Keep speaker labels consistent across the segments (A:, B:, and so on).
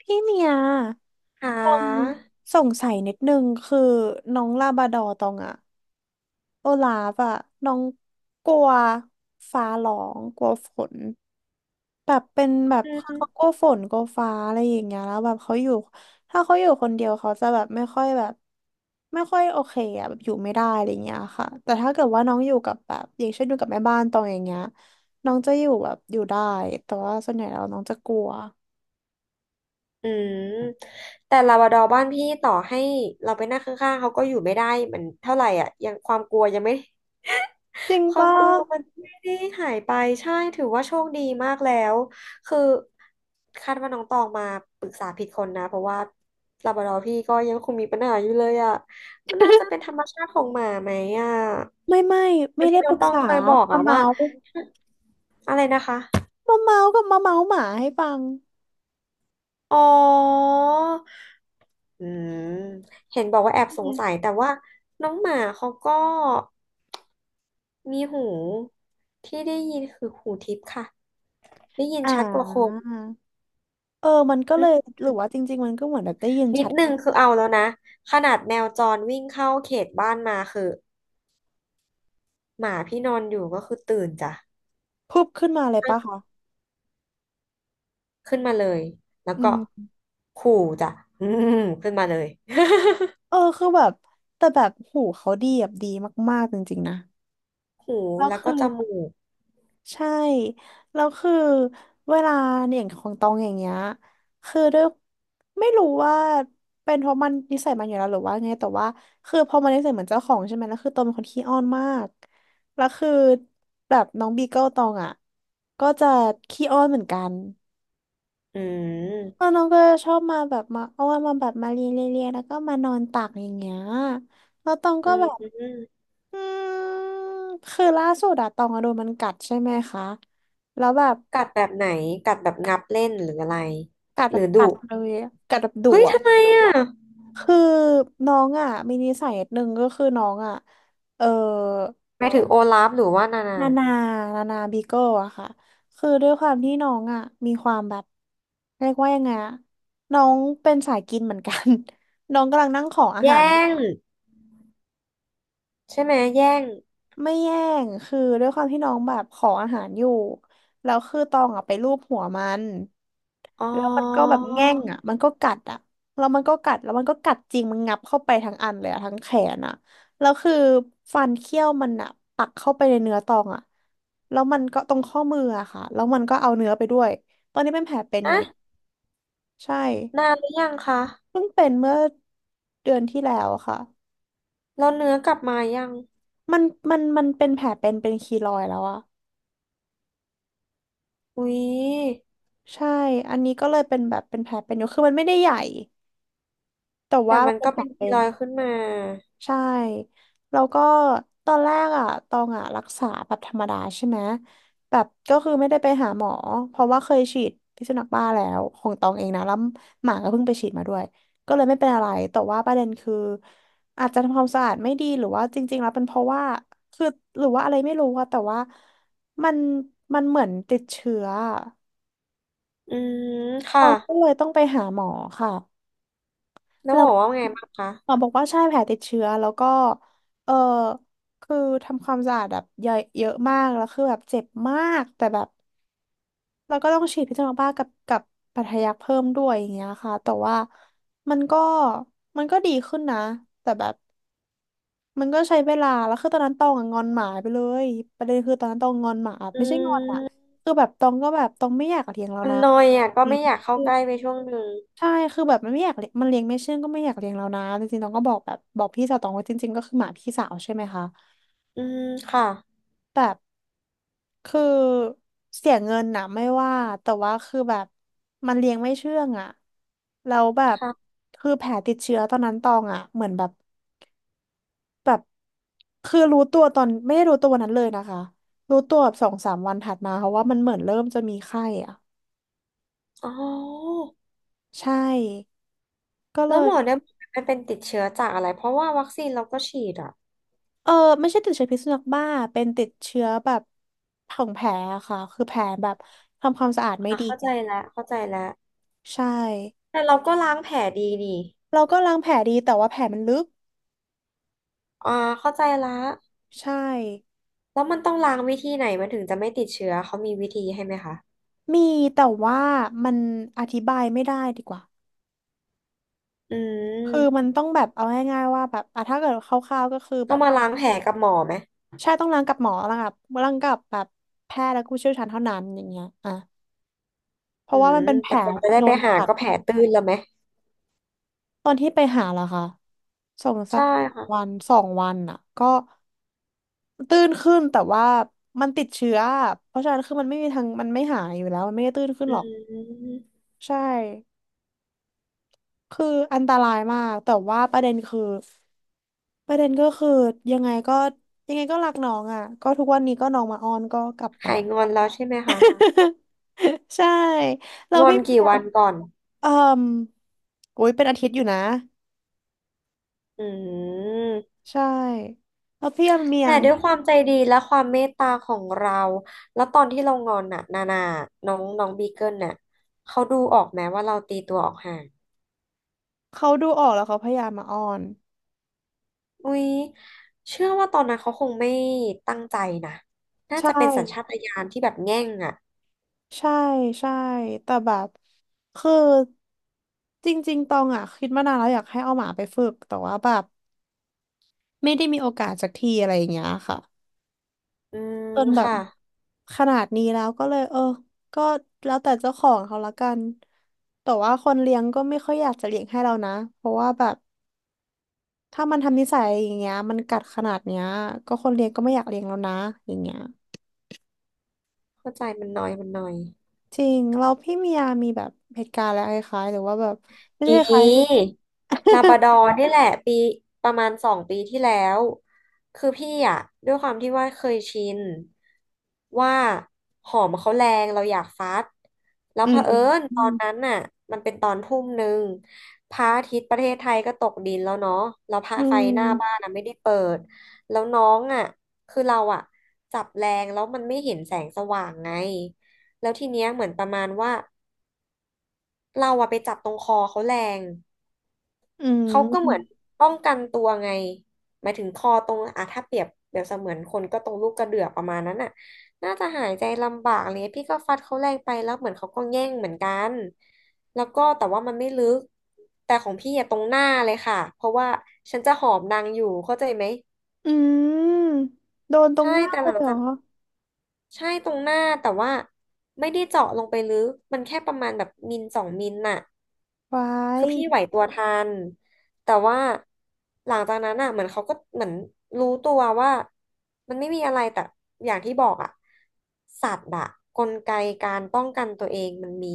A: พี่เมีย
B: อ่า
A: ตองสงสัยนิดนึงคือน้องลาบราดอร์ตองอะโอลาฟอะน้องกลัวฟ้าร้องกลัวฝนแบบเป็นแบบ
B: อื
A: เขา
B: ม
A: กลัวฝนกลัวฟ้าอะไรอย่างเงี้ยแล้วแบบเขาอยู่ถ้าเขาอยู่คนเดียวเขาจะแบบไม่ค่อยแบบไม่ค่อยโอเคอะแบบอยู่ไม่ได้อะไรเงี้ยค่ะแต่ถ้าเกิดว่าน้องอยู่กับแบบอย่างเช่นอยู่กับแม่บ้านตองอย่างเงี้ยน้องจะอยู่แบบอยู่ได้แต่ว่าส่วนใหญ่แล้วน้องจะกลัว
B: อืมแต่ลาบราดอร์บ้านพี่ต่อให้เราไปนั่งข้างๆเขาก็อยู่ไม่ได้มันเท่าไหร่อ่ะยังความกลัวยังไม่
A: จริง
B: ความ
A: ปะ
B: กลัวมันไม่ได้หายไปใช่ถือว่าโชคดีมากแล้วคือคาดว่าน้องตองมาปรึกษาผิดคนนะเพราะว่าลาบราดอร์พี่ก็ยังคงมีปัญหาอยู่เลยอ่ะมันน่าจะเป็นธรรมชาติของหมาไหมอ่ะ
A: ไม่ไม่
B: บา
A: ไม่
B: งที
A: ได้ป
B: น้อ
A: รึ
B: ง
A: ก
B: ตอง
A: ษา
B: เคยบอก
A: มา
B: อ่ะว่า
A: เมาส์
B: อะไรนะคะ
A: มาเมาส์กับมาเมาส์หมาให้ฟัง
B: อ๋ออืมเห็นบอกว่าแอบสง
A: เนี่ย
B: สัยแต่ว่าน้องหมาเขาก็มีหูที่ได้ยินคือหูทิพย์ค่ะได้ยิน
A: อ่
B: ชัดกว่าคน
A: าเออมันก็
B: อื
A: เลย
B: ม
A: หรือว่าจริงๆมันก็เหมือนแบบได้ยิน
B: นิ
A: ชั
B: ด
A: ด
B: นึงคือเอาแล้วนะขนาดแมวจรวิ่งเข้าเขตบ้านมาคือหมาพี่นอนอยู่ก็คือตื่นจ้ะ
A: พุบขึ้นมาเลยปะคะ
B: ขึ้นมาเลยแล้ว
A: อื
B: ก็
A: ม
B: ขู่จ้ะอืมขึ้นมาเลย
A: เออคือแบบแต่แบบหูเขาดีแบบดีมากๆจริงๆนะ
B: หู
A: แล้ว
B: แล้ว
A: คื
B: ก็
A: อ
B: จมูก
A: ใช่ แล้วคือเวลาอย่างของตองอย่างเงี้ยคือด้วยไม่รู้ว่าเป็นเพราะมันนิสัยมันอยู่แล้วหรือว่าไงแต่ว่าคือพอมันนิสัยเหมือนเจ้าของใช่ไหมแล้วคือตองเป็นคนขี้อ้อนมากแล้วคือแบบน้องบีเกิลตองอ่ะ ก็จะขี้อ้อนเหมือนกัน
B: อื
A: แล้ว
B: ม
A: น้องก็ชอบมาแบบมาอ้อนมาแบบมาเลียเลียเลียแล้วก็มานอนตักอย่างเงี้ยแล้วตอง
B: อื
A: ก็แบบ
B: ม
A: อืมคือล่าสุดอะตองอะโดนมันกัดใช่ไหมคะ แล้วแบบ
B: กัดแบบไหนกัดแบบงับเล่นหรืออะไร
A: กัด
B: ห
A: แบ
B: รื
A: บ
B: อดุ
A: กัดเลยอะกัดแบบดุ
B: เฮ้ย
A: อ่ะ
B: ทำไมอ่ะ
A: คือน้องอ่ะมีนิสัยนิดนึงก็คือน้องอ่ะเออ
B: หมายถึงโอลาฟหรือว่านานา
A: นานานานาบีเกิลอะค่ะคือด้วยความที่น้องอ่ะมีความแบบเรียกว่ายังไงอะน้องเป็นสายกินเหมือนกัน น้องกำลังนั่งขออา
B: แย่
A: หาร
B: งใช่ไหมแย่ง
A: ไม่แย่งคือด้วยความที่น้องแบบขออาหารอยู่แล้วคือตองอ่ะไปลูบหัวมัน
B: อ๋อ
A: แล้วมันก็แบบแง่งอ่ะมันก็กัดอ่ะแล้วมันก็กัดแล้วมันก็กัดจริง มันงับเข้าไปทั้งอันเลยอ่ะทั้งแขนอ่ะแล้วคือฟันเขี้ยวมันอ่ะปักเข้าไปในเนื้อตองอ่ะแล้วมันก็ตรงข้อมืออะค่ะแล้วมันก็เอาเนื้อไปด้วย ตอนนี้เป็นแผลเป็นอยู่เนี่ย
B: อะ
A: ใช่
B: นานหรือยังคะ
A: เพิ่งเป็นเมื่อเดือนที่แล้วอะค่ะ
B: แล้วเนื้อกลับมายัง
A: มันมันเป็นแผลเป็นเป็นคีลอยด์แล้วอ่ะ
B: อุ๊ย
A: ใช่ อันนี้ก็เลยเป็นแบบเป็นแผลเป็นอยู่คือมันไม่ได้ใหญ่ แต่
B: แต่
A: ว่ามั
B: มั
A: น
B: น
A: เป็
B: ก็
A: นแผล
B: เป็นกี
A: เป็
B: ร
A: น
B: อยด์ขึ้นมา
A: ใช่แล้วก็ตอนแรกอ่ะตองอ่ะรักษาแบบธรรมดาใช่ไหมแบบก็คือไม่ได้ไปหาหมอเพราะว่าเคยฉีดพิษสุนัขบ้าแล้วของตองเองนะแล้วหมาก็เพิ่งไปฉีดมาด้วยก็เลยไม่เป็นอะไรแต่ว่าประเด็นคืออาจจะทำความสะอาดไม่ดีหรือว่าจริงๆแล้วเป็นเพราะว่าคือหรือว่าอะไรไม่รู้อะแต่ว่ามันมันเหมือนติดเชื้ออะ
B: อืม
A: ต
B: ค่ะ
A: องก็เลยต้องไปหาหมอค่ะ
B: แล้ว
A: แล้
B: บ
A: ว
B: อกว่าไงบ้างคะ
A: หมอบอกว่าใช่แผลติดเชื้อแล้วก็เออคือทำความสะอาดแบบเยอะเยอะมากแล้วคือแบบเจ็บมากแต่แบบเราก็ต้องฉีดพิษสุนัขบ้ากับปัทยักเพิ่มด้วยอย่างเงี้ยค่ะแต่ว่ามันก็มันก็ดีขึ้นนะแต่แบบมันก็ใช้เวลาแล้วคือตอนนั้นตองอะงอนหมาไปเลยประเด็นคือตอนนั้นตองงอนหมา
B: อื
A: ไม่ใช่งอนอะ
B: ม
A: คือแบบตองก็แบบตองไม่อยากเลียงแล้ว
B: มัน
A: นะ
B: นอยอ่ะก็ไม่อยากเข้าใกล้ไปช่วงหนึ่ง
A: ใช่คือแบบมันไม่อยากเลี้ยงมันเลี้ยงไม่เชื่องก็ไม่อยากเลี้ยงแล้วนะจริงๆตองก็บอกแบบบอกพี่สาวตองว่าจริงๆก็คือหมาพี่สาวใช่ไหมคะ
B: อืมค่ะ
A: แบบคือเสียเงินนะไม่ว่าแต่ว่าคือแบบมันเลี้ยงไม่เชื่องอะแล้วแบบ
B: ค่ะ
A: คือแผลติดเชื้อตอนนั้นตองอะเหมือนแบบแบบคือรู้ตัวตอนไม่ได้รู้ตัววันนั้นเลยนะคะรู้ตัวแบบสองสามวันถัดมาเพราะว่ามันเหมือนเริ่มจะมีไข้อะ
B: อ๋อ
A: ใช่ ก็เล
B: แล้วหม
A: ย
B: อเนี่ยมันเป็นติดเชื้อจากอะไรเพราะว่าวัคซีนเราก็ฉีดอ่ะ
A: เออไม่ใช่ติดเชื้อพิษสุนัขบ้าเป็นติดเชื้อแบบของแผลอะค่ะคือแผลแบบทำความสะอาดไม่
B: อ่ะ
A: ดี
B: เข้าใจ
A: อะ
B: แล้วเข้าใจแล้ว
A: ใช่
B: แต่เราก็ล้างแผลดีนี่
A: เราก็ล้างแผลดีแต่ว่าแผลมันลึก
B: อ่าเข้าใจละ
A: ใช่
B: แล้วมันต้องล้างวิธีไหนมันถึงจะไม่ติดเชื้อเขามีวิธีให้ไหมคะ
A: มีแต่ว่ามันอธิบายไม่ได้ดีกว่า
B: อื
A: คือ
B: ม
A: มันต้องแบบเอาง่ายๆว่าแบบอ่ะถ้าเกิดคร่าวๆก็คือ
B: ต้
A: แบ
B: อง
A: บ
B: มาล้างแผลกับหมอไหม
A: ใช่ต้องล้างกับหมอล้างกับล้างกับแบบแพทย์และผู้เชี่ยวชาญเท่านั้นอย่างเงี้ยอ่ะเพ
B: อื
A: ราะว่า
B: ม
A: มันเป็นแผ
B: แต่
A: ล
B: กว่าจะได้
A: โด
B: ไป
A: น
B: หา
A: กัด
B: ก็แผลตื้นแล้วไหม
A: ตอนที่ไปหาเหรอคะสองสา
B: ใช่
A: มวั
B: ค่ะ
A: นสองวันอ่ะก็ ตื้นขึ้นแต่ว่ามันติดเชื้อเพราะฉะนั้นคือมันไม่มีทางมันไม่หายอยู่แล้วมันไม่ได้ตื้นขึ้น
B: อื
A: หรอก
B: ม
A: ใช่คืออันตรายมากแต่ว่าประเด็นคือประเด็นก็คือยังไงก็ยังไงก็รักน้องอ่ะก็ทุกวันนี้ก็น้องมาอ้อนก็กลับไป
B: หายงอนแล้วใช่ไหมคะ
A: ใช่เรา
B: งอ
A: พี่
B: น
A: เบี
B: กี่
A: ย
B: วั
A: ร์
B: นก่อน
A: เอ่มโอ้ยเป็นอาทิตย์อยู่นะ
B: อืม
A: ใช่แล้วพี่เบีย
B: แต่
A: ร์
B: ด้วยความใจดีและความเมตตาของเรา แล้วตอนที่เรางอนน่ะนานาน้องน้องบีเกิลน่ะเขาดูออกไหมว่าเราตีตัวออกห่าง
A: เขาดูออกแล้วเขาพยายามมาอ้อน
B: อุ้ยเชื่อว่าตอนนั้นเขาคงไม่ตั้งใจนะน่า
A: ใช
B: จะเป็นสัญชา
A: ่
B: ตญาณที่แบบแง่งอ่ะ
A: ใช่ใช่แต่แบบคือจริงๆตองอ่ะคิดมานานแล้วอยากให้เอาหมาไปฝึกแต่ว่าแบบไม่ได้มีโอกาสสักทีอะไรอย่างเงี้ยค่ะ
B: อืม
A: จนแบบ
B: ค่ะ
A: ขนาดนี้แล้วก็เลยเออก็แล้วแต่เจ้าของเขาละกันแต่ว่าคนเลี้ยงก็ไม่ค่อยอยากจะเลี้ยงให้เรานะเพราะว่าแบบถ้ามันทำนิสัยอย่างเงี้ยมันกัดขนาดเนี้ยก็คนเลี้ยงก็ไม่อยากเลี้ยงแล้วนะอย่างเงี้ย
B: เข้าใจมันน้อยมันน้อย
A: จริงเราพี่เมียมีแบบเหตุการณ์อะไรคล้ายๆหรือว่าแบบไม่
B: ม
A: ใช่คล้ายสิ
B: ีลาบราดอร์นี่แหละปีประมาณ2 ปีที่แล้วคือพี่อ่ะด้วยความที่ว่าเคยชินว่าหอมเขาแรงเราอยากฟัดแล้ว
A: อื
B: เผอิญ
A: ม
B: ตอนนั้นน่ะมันเป็นตอนทุ่มหนึ่งพระอาทิตย์ประเทศไทยก็ตกดินแล้วเนาะแล้วพระ
A: อื
B: ไฟหน้าบ้าน
A: ม
B: อ่ะไม่ได้เปิดแล้วน้องอ่ะคือเราอ่ะจับแรงแล้วมันไม่เห็นแสงสว่างไงแล้วทีเนี้ยเหมือนประมาณว่าเราอะไปจับตรงคอเขาแรง
A: อื
B: เขาก็เหมือน
A: ม
B: ป้องกันตัวไงหมายถึงคอตรงอ่ะถ้าเปรียบเปรียบเสมือนคนก็ตรงลูกกระเดือกประมาณนั้นน่ะน่าจะหายใจลำบากอะไรเลยพี่ก็ฟัดเขาแรงไปแล้วเหมือนเขาก็แย่งเหมือนกันแล้วก็แต่ว่ามันไม่ลึกแต่ของพี่อะตรงหน้าเลยค่ะเพราะว่าฉันจะหอมนางอยู่เข้าใจไหม
A: อืมโดนตรง
B: ใช่
A: หน้า
B: แต่
A: เล
B: หลั
A: ย
B: ง
A: เหร
B: จา
A: อ
B: กใช่ตรงหน้าแต่ว่าไม่ได้เจาะลงไปลึกมันแค่ประมาณแบบมิล2 มิลน่ะ
A: ไว้า
B: คื
A: ย
B: อพี่ไหวตัวทันแต่ว่าหลังจากนั้นอ่ะเหมือนเขาก็เหมือนรู้ตัวว่ามันไม่มีอะไรแต่อย่างที่บอกอ่ะสัตว์อ่ะกลไกการป้องกันตัวเองมันมี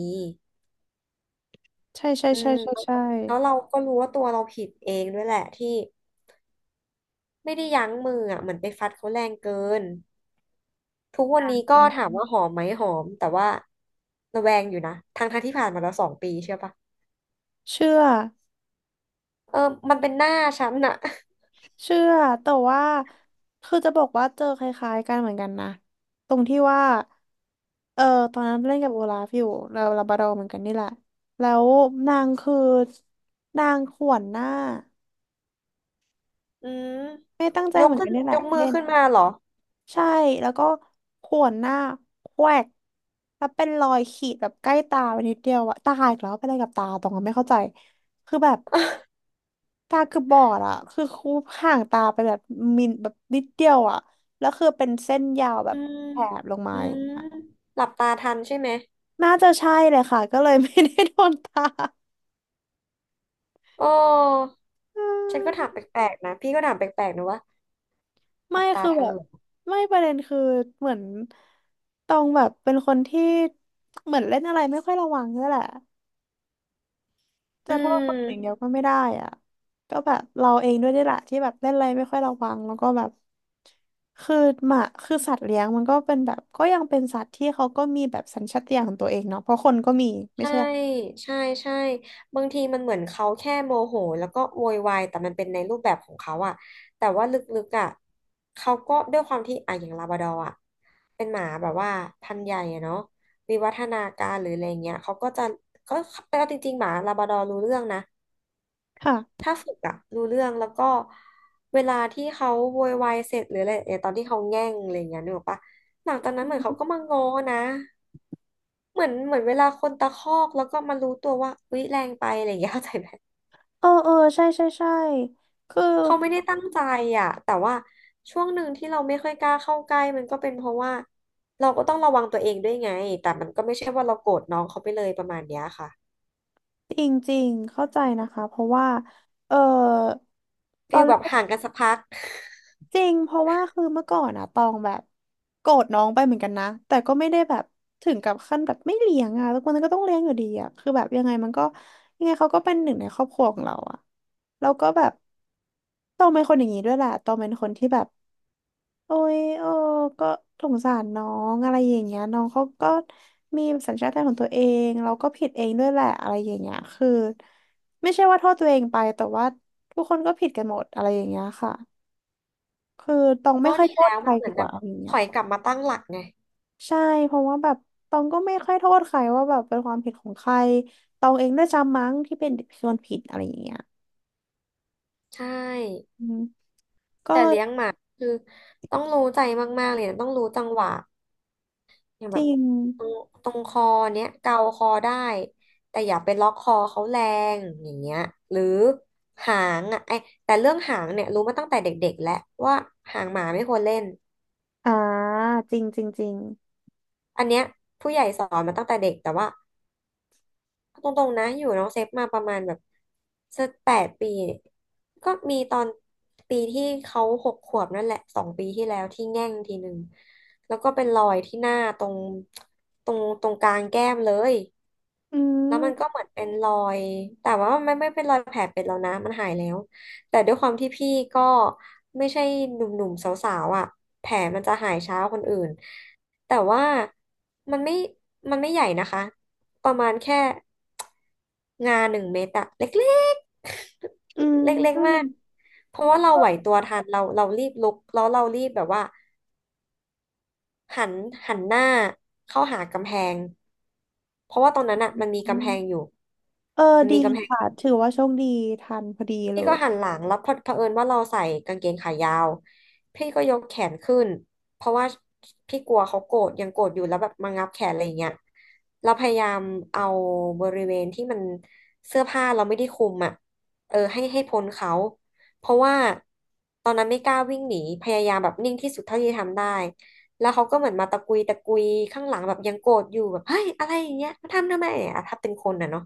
A: ใช่ใช่
B: อื
A: ใช่
B: ม
A: ใช่ใช่
B: แล้วเราก็รู้ว่าตัวเราผิดเองด้วยแหละที่ไม่ได้ยั้งมืออ่ะเหมือนไปฟัดเขาแรงเกินทุกวัน
A: อ
B: นี้ก็ถาม
A: ืม
B: ว่าหอมไหมหอมแต่ว่าระแวงอยู่นะทั้งที่ผ่านมาแล้วสองปีเชื่อปะ
A: เชื่อ
B: เออมันเป็นหน้าฉันน่ะ
A: เชื่อแต่ว่าคือจะบอกว่าเจอคล้ายๆกันเหมือนกันนะตรงที่ว่าเออตอนนั้นเล่นกับโอลาฟอยู่เราลาบราดอร์เหมือนกันนี่แหละแล้วนางคือนางข่วนหน้า
B: อืม
A: ไม่ตั้งใจ
B: ยก
A: เหมือน
B: ขึ้
A: กั
B: น
A: นนี่แห
B: ย
A: ละ
B: กมือ
A: เล่น
B: ขึ้นมาเหรอ
A: ใช่แล้วก็ข่วนหน้าแควกแล้วเป็นรอยขีดแบบใกล้ตาไปนิดเดียวอะตาอีกแล้วเป็นอะไรกับตาตรงนั้นไม่เข้าใจคือแบบตาคือบบอดอะคือคูบห่างตาไปแบบมิลแบบนิดเดียวอะแล้วคือเป็นเส้นยาวแบ
B: อื
A: บ
B: ม
A: แถบลงมา
B: อื
A: อ
B: ม
A: ย่างเงี้ย
B: หลับตาทันใช่ไหม
A: น่าจะใช่เลยค่ะก็เลยไม่ได้โดนตา
B: โอ้
A: อื
B: ฉันก็ถาม
A: ม
B: แปลกๆนะพี่ก็ถามแปลกๆนะว่าห
A: ไม่
B: ลับตา
A: คือ
B: ทั
A: แบ
B: น
A: บ
B: เหรอ
A: ไม่ประเด็นคือเหมือนตองแบบเป็นคนที่เหมือนเล่นอะไรไม่ค่อยระวังนี่แหละ
B: อื
A: จะโทษคนอื่นอย่างเดีย
B: ม
A: วก็ไม่ได้อ่ะก็แบบเราเองด้วยนี่แหละที่แบบเล่นอะไรไม่ค่อยระวังแล้วก็แบบคือหมาคือสัตว์เลี้ยงมันก็เป็นแบบก็ยังเป็นสัตว์ที่เขาก็มีแบบสัญชาตญาณของตัวเองเนาะเพราะคนก็มีไม่
B: ใช่
A: ใช่หรอ
B: ใช่ใช่บางทีมันเหมือนเขาแค่โมโหแล้วก็โวยวายแต่มันเป็นในรูปแบบของเขาอะแต่ว่าลึกๆอะเขาก็ด้วยความที่อะอย่างลาบราดอร์อะเป็นหมาแบบว่าพันธุ์ใหญ่อะเนาะวิวัฒนาการหรืออะไรเงี้ยเขาก็เอาจริงๆหมาลาบราดอร์รู้เรื่องนะ
A: ค่ะ
B: ถ้าฝึกอะรู้เรื่องแล้วก็เวลาที่เขาโวยวายเสร็จหรืออะไรเนี่ยตอนที่เขาแง่งอะไรอย่างเงี้ยนึกออกปะหลังจากนั้นเหมือนเขาก็มาง้อนะเหมือนเหมือนเวลาคนตะคอกแล้วก็มารู้ตัวว่าอุ๊ยแรงไปอะไรอย่างเงี้ย เข้าใจไหม
A: เออเออใช่ใช่ใช่คือ
B: เขาไม่ได้ตั้งใจอะแต่ว่าช่วงหนึ่งที่เราไม่ค่อยกล้าเข้าใกล้มันก็เป็นเพราะว่าเราก็ต้องระวังตัวเองด้วยไงแต่มันก็ไม่ใช่ว่าเราโกรธน้องเขาไปเลยประมาณเนี้ยค่ะ
A: จริงจริงเข้าใจนะคะเพราะว่าเออต
B: กี
A: อ
B: อย
A: นแร
B: แบบ
A: ก
B: ห่างกันสักพัก
A: จริงเพราะว่าคือเมื่อก่อนอะตองแบบโกรธน้องไปเหมือนกันนะ แต่ก็ไม่ได้แบบถึงกับขั้นแบบไม่เลี้ยงอะทุกคนก็ต้องเลี้ยงอยู่ดีอะคือแบบยังไงมันก็ยังไงเขาก็เป็นหนึ่งในครอบครัวของเราอะแล้วก็แบบตองเป็นคนอย่างนี้ด้วยแหละตองเป็นคนที่แบบโอ้ยเอ้ก็สงสารน้องอะไรอย่างเงี้ยน้องเขาก็มีสัญชาตญาณของตัวเองเราก็ผิดเองด้วยแหละอะไรอย่างเงี้ยคือไม่ใช่ว่าโทษตัวเองไปแต่ว่าทุกคนก็ผิดกันหมดอะไรอย่างเงี้ยค่ะ คือตอง ไม่
B: ก็
A: ค่อย
B: ดี
A: โทษ
B: แล้ว
A: ใค
B: มั
A: ร
B: นเหมื
A: ดี
B: อน
A: ก
B: แบ
A: ว่า
B: บ
A: เอาอย่าง
B: ถ
A: เงี้ย
B: อยกลับมาตั้งหลักไง
A: ใช่เพราะว่าแบบตองก็ไม่ค่อยโทษใครว่าแบบเป็นความผิดของใครตองเองด้วยซ้ำมั้งที่เป็นคนผิดอะไรอย่างเงี้ย
B: ใช่
A: อืมก็
B: แต่
A: เลย
B: เลี้ยงหมาคือต้องรู้ใจมากๆเลยนะต้องรู้จังหวะอย่าง
A: จ
B: แบบ
A: ริง
B: ตรงตรงคอเนี้ยเกาคอได้แต่อย่าไปล็อกคอเขาแรงอย่างเงี้ยหรือหางอ่ะไอแต่เรื่องหางเนี่ยรู้มาตั้งแต่เด็กๆแล้วว่าหางหมาไม่ควรเล่น
A: อ่าจริงจริงจริง
B: อันเนี้ยผู้ใหญ่สอนมาตั้งแต่เด็กแต่ว่า เอาตรงๆนะอยู่น้องเซฟมาประมาณแบบสัก8 ปีก็มีตอนปีที่เขา6 ขวบนั่นแหละ2 ปีที่แล้วที่แง่งทีหนึ่งแล้วก็เป็นรอยที่หน้าตรงกลางแก้มเลย
A: อื
B: แล้วมันก็
A: ม
B: เหมือนเป็นรอยแต่ว่ามันไม่เป็นรอยแผลเป็นแล้วนะมันหายแล้วแต่ด้วยความที่พี่ก็ไม่ใช่หนุ่มๆสาวๆอ่ะแผลมันจะหายช้าคนอื่นแต่ว่ามันไม่มันไม่ใหญ่นะคะประมาณแค่งา1 เมตรอะเล็ก
A: อืม
B: ๆ เล็ก
A: อื
B: ๆ
A: ม
B: มากเพราะว่าเราไหวตัวทันเรารีบลุกแล้วเรารีบแบบว่า หันหันหน้าเข้าหากำแพงเพราะว่าตอนนั้นอ่ะมันมีกำแพงอยู่
A: เออ
B: มัน
A: ดี
B: มีกำแพง
A: ค่ะถือว่าโชคดีทันพอดีเล
B: พี่ก็
A: ย
B: หันหลังแล้วพอเผอิญว่าเราใส่กางเกงขายาวพี่ก็ยกแขนขึ้นเพราะว่าพี่กลัวเขาโกรธยังโกรธอยู่แล้วแบบมางับแขนอะไรอย่างเงี้ยเราพยายามเอาบริเวณที่มันเสื้อผ้าเราไม่ได้คลุมอ่ะเออให้พ้นเขาเพราะว่าตอนนั้นไม่กล้าวิ่งหนีพยายามแบบนิ่งที่สุดเท่าที่ทำได้แล้วเขาก็เหมือนมาตะกุยตะกุยข้างหลังแบบยังโกรธอยู่แบบเฮ้ยอะไรอย่างเงี้ยมาทำไมอ่ะถ้าเป็นคนอ่ะเนาะ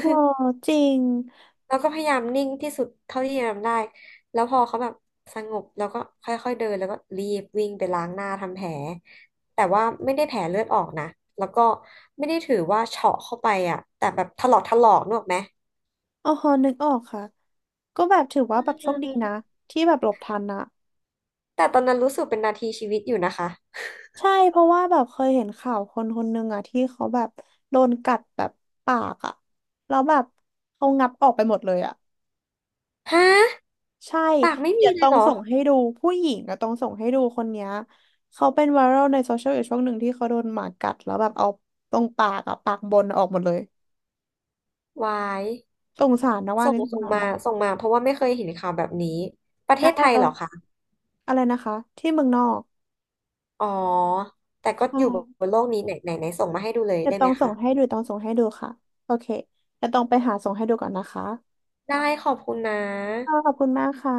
A: โอ้จริง
B: แล้วก็พยายามนิ่งที่สุดเท่าที่จะทำได้แล้วพอเขาแบบสงบแล้วก็ค่อยๆเดินแล้วก็รีบวิ่งไปล้างหน้าทำแผลแต่ว่าไม่ได้แผลเลือดออกนะแล้วก็ไม่ได้ถือว่าเฉาะเข้าไปอ่ะแต่แบบถลอกถลอกนึกออกไหม
A: อ๋อนึกออกค่ะก็แบบถือว่า
B: อื
A: แบบโชคดีนะ
B: ม
A: ที่แบบหลบทันนะ
B: แต่ตอนนั้นรู้สึกเป็นนาทีชีวิตอยู่นะคะ
A: ใช่เพราะว่าแบบเคยเห็นข่าวคนคนหนึ่งอะที่เขาแบบโดนกัดแบบปากอะแล้วแบบเขางับออกไปหมดเลยอะ
B: ฮะ
A: ใช่
B: ปากไม่
A: เดี๋
B: มี
A: ยว
B: เล
A: ต้
B: ย
A: อง
B: เหรอ
A: ส่งให้ดูผู้หญิงอะต้องส่งให้ดูคนเนี้ยเขาเป็นไวรัลในโซเชียลอยู่ช่วงหนึ่งที่เขาโดนหมากัดแล้วแบบเอาตรงปากอะปากบนออกหมดเลย
B: วาย
A: สงสารนะว่า
B: ส่
A: นี่
B: ง
A: สง
B: ส่ง
A: สาร
B: มา
A: นะ
B: ส่งมาเพราะว่าไม่เคยเห็นข่าวแบบนี้ ประเท
A: ได้
B: ศไทย
A: ตอ
B: เหร
A: น
B: อคะ
A: อะไรนะคะที่เมืองนอก
B: อ๋อแต่ก็
A: ใช่
B: อยู่บนโลกนี้ไหนไหนไหนส่งมาให้ดูเลย
A: เดี๋ย
B: ได้
A: วต้
B: ไห
A: อ
B: ม
A: งส่
B: คะ
A: งให้ดูต้องส่งให้ดูค่ะโอเคเดี๋ยวต้องไปหาส่งให้ดูก่อนนะคะ
B: ได้ขอบคุณนะ
A: ค่ะขอบคุณมากค่ะ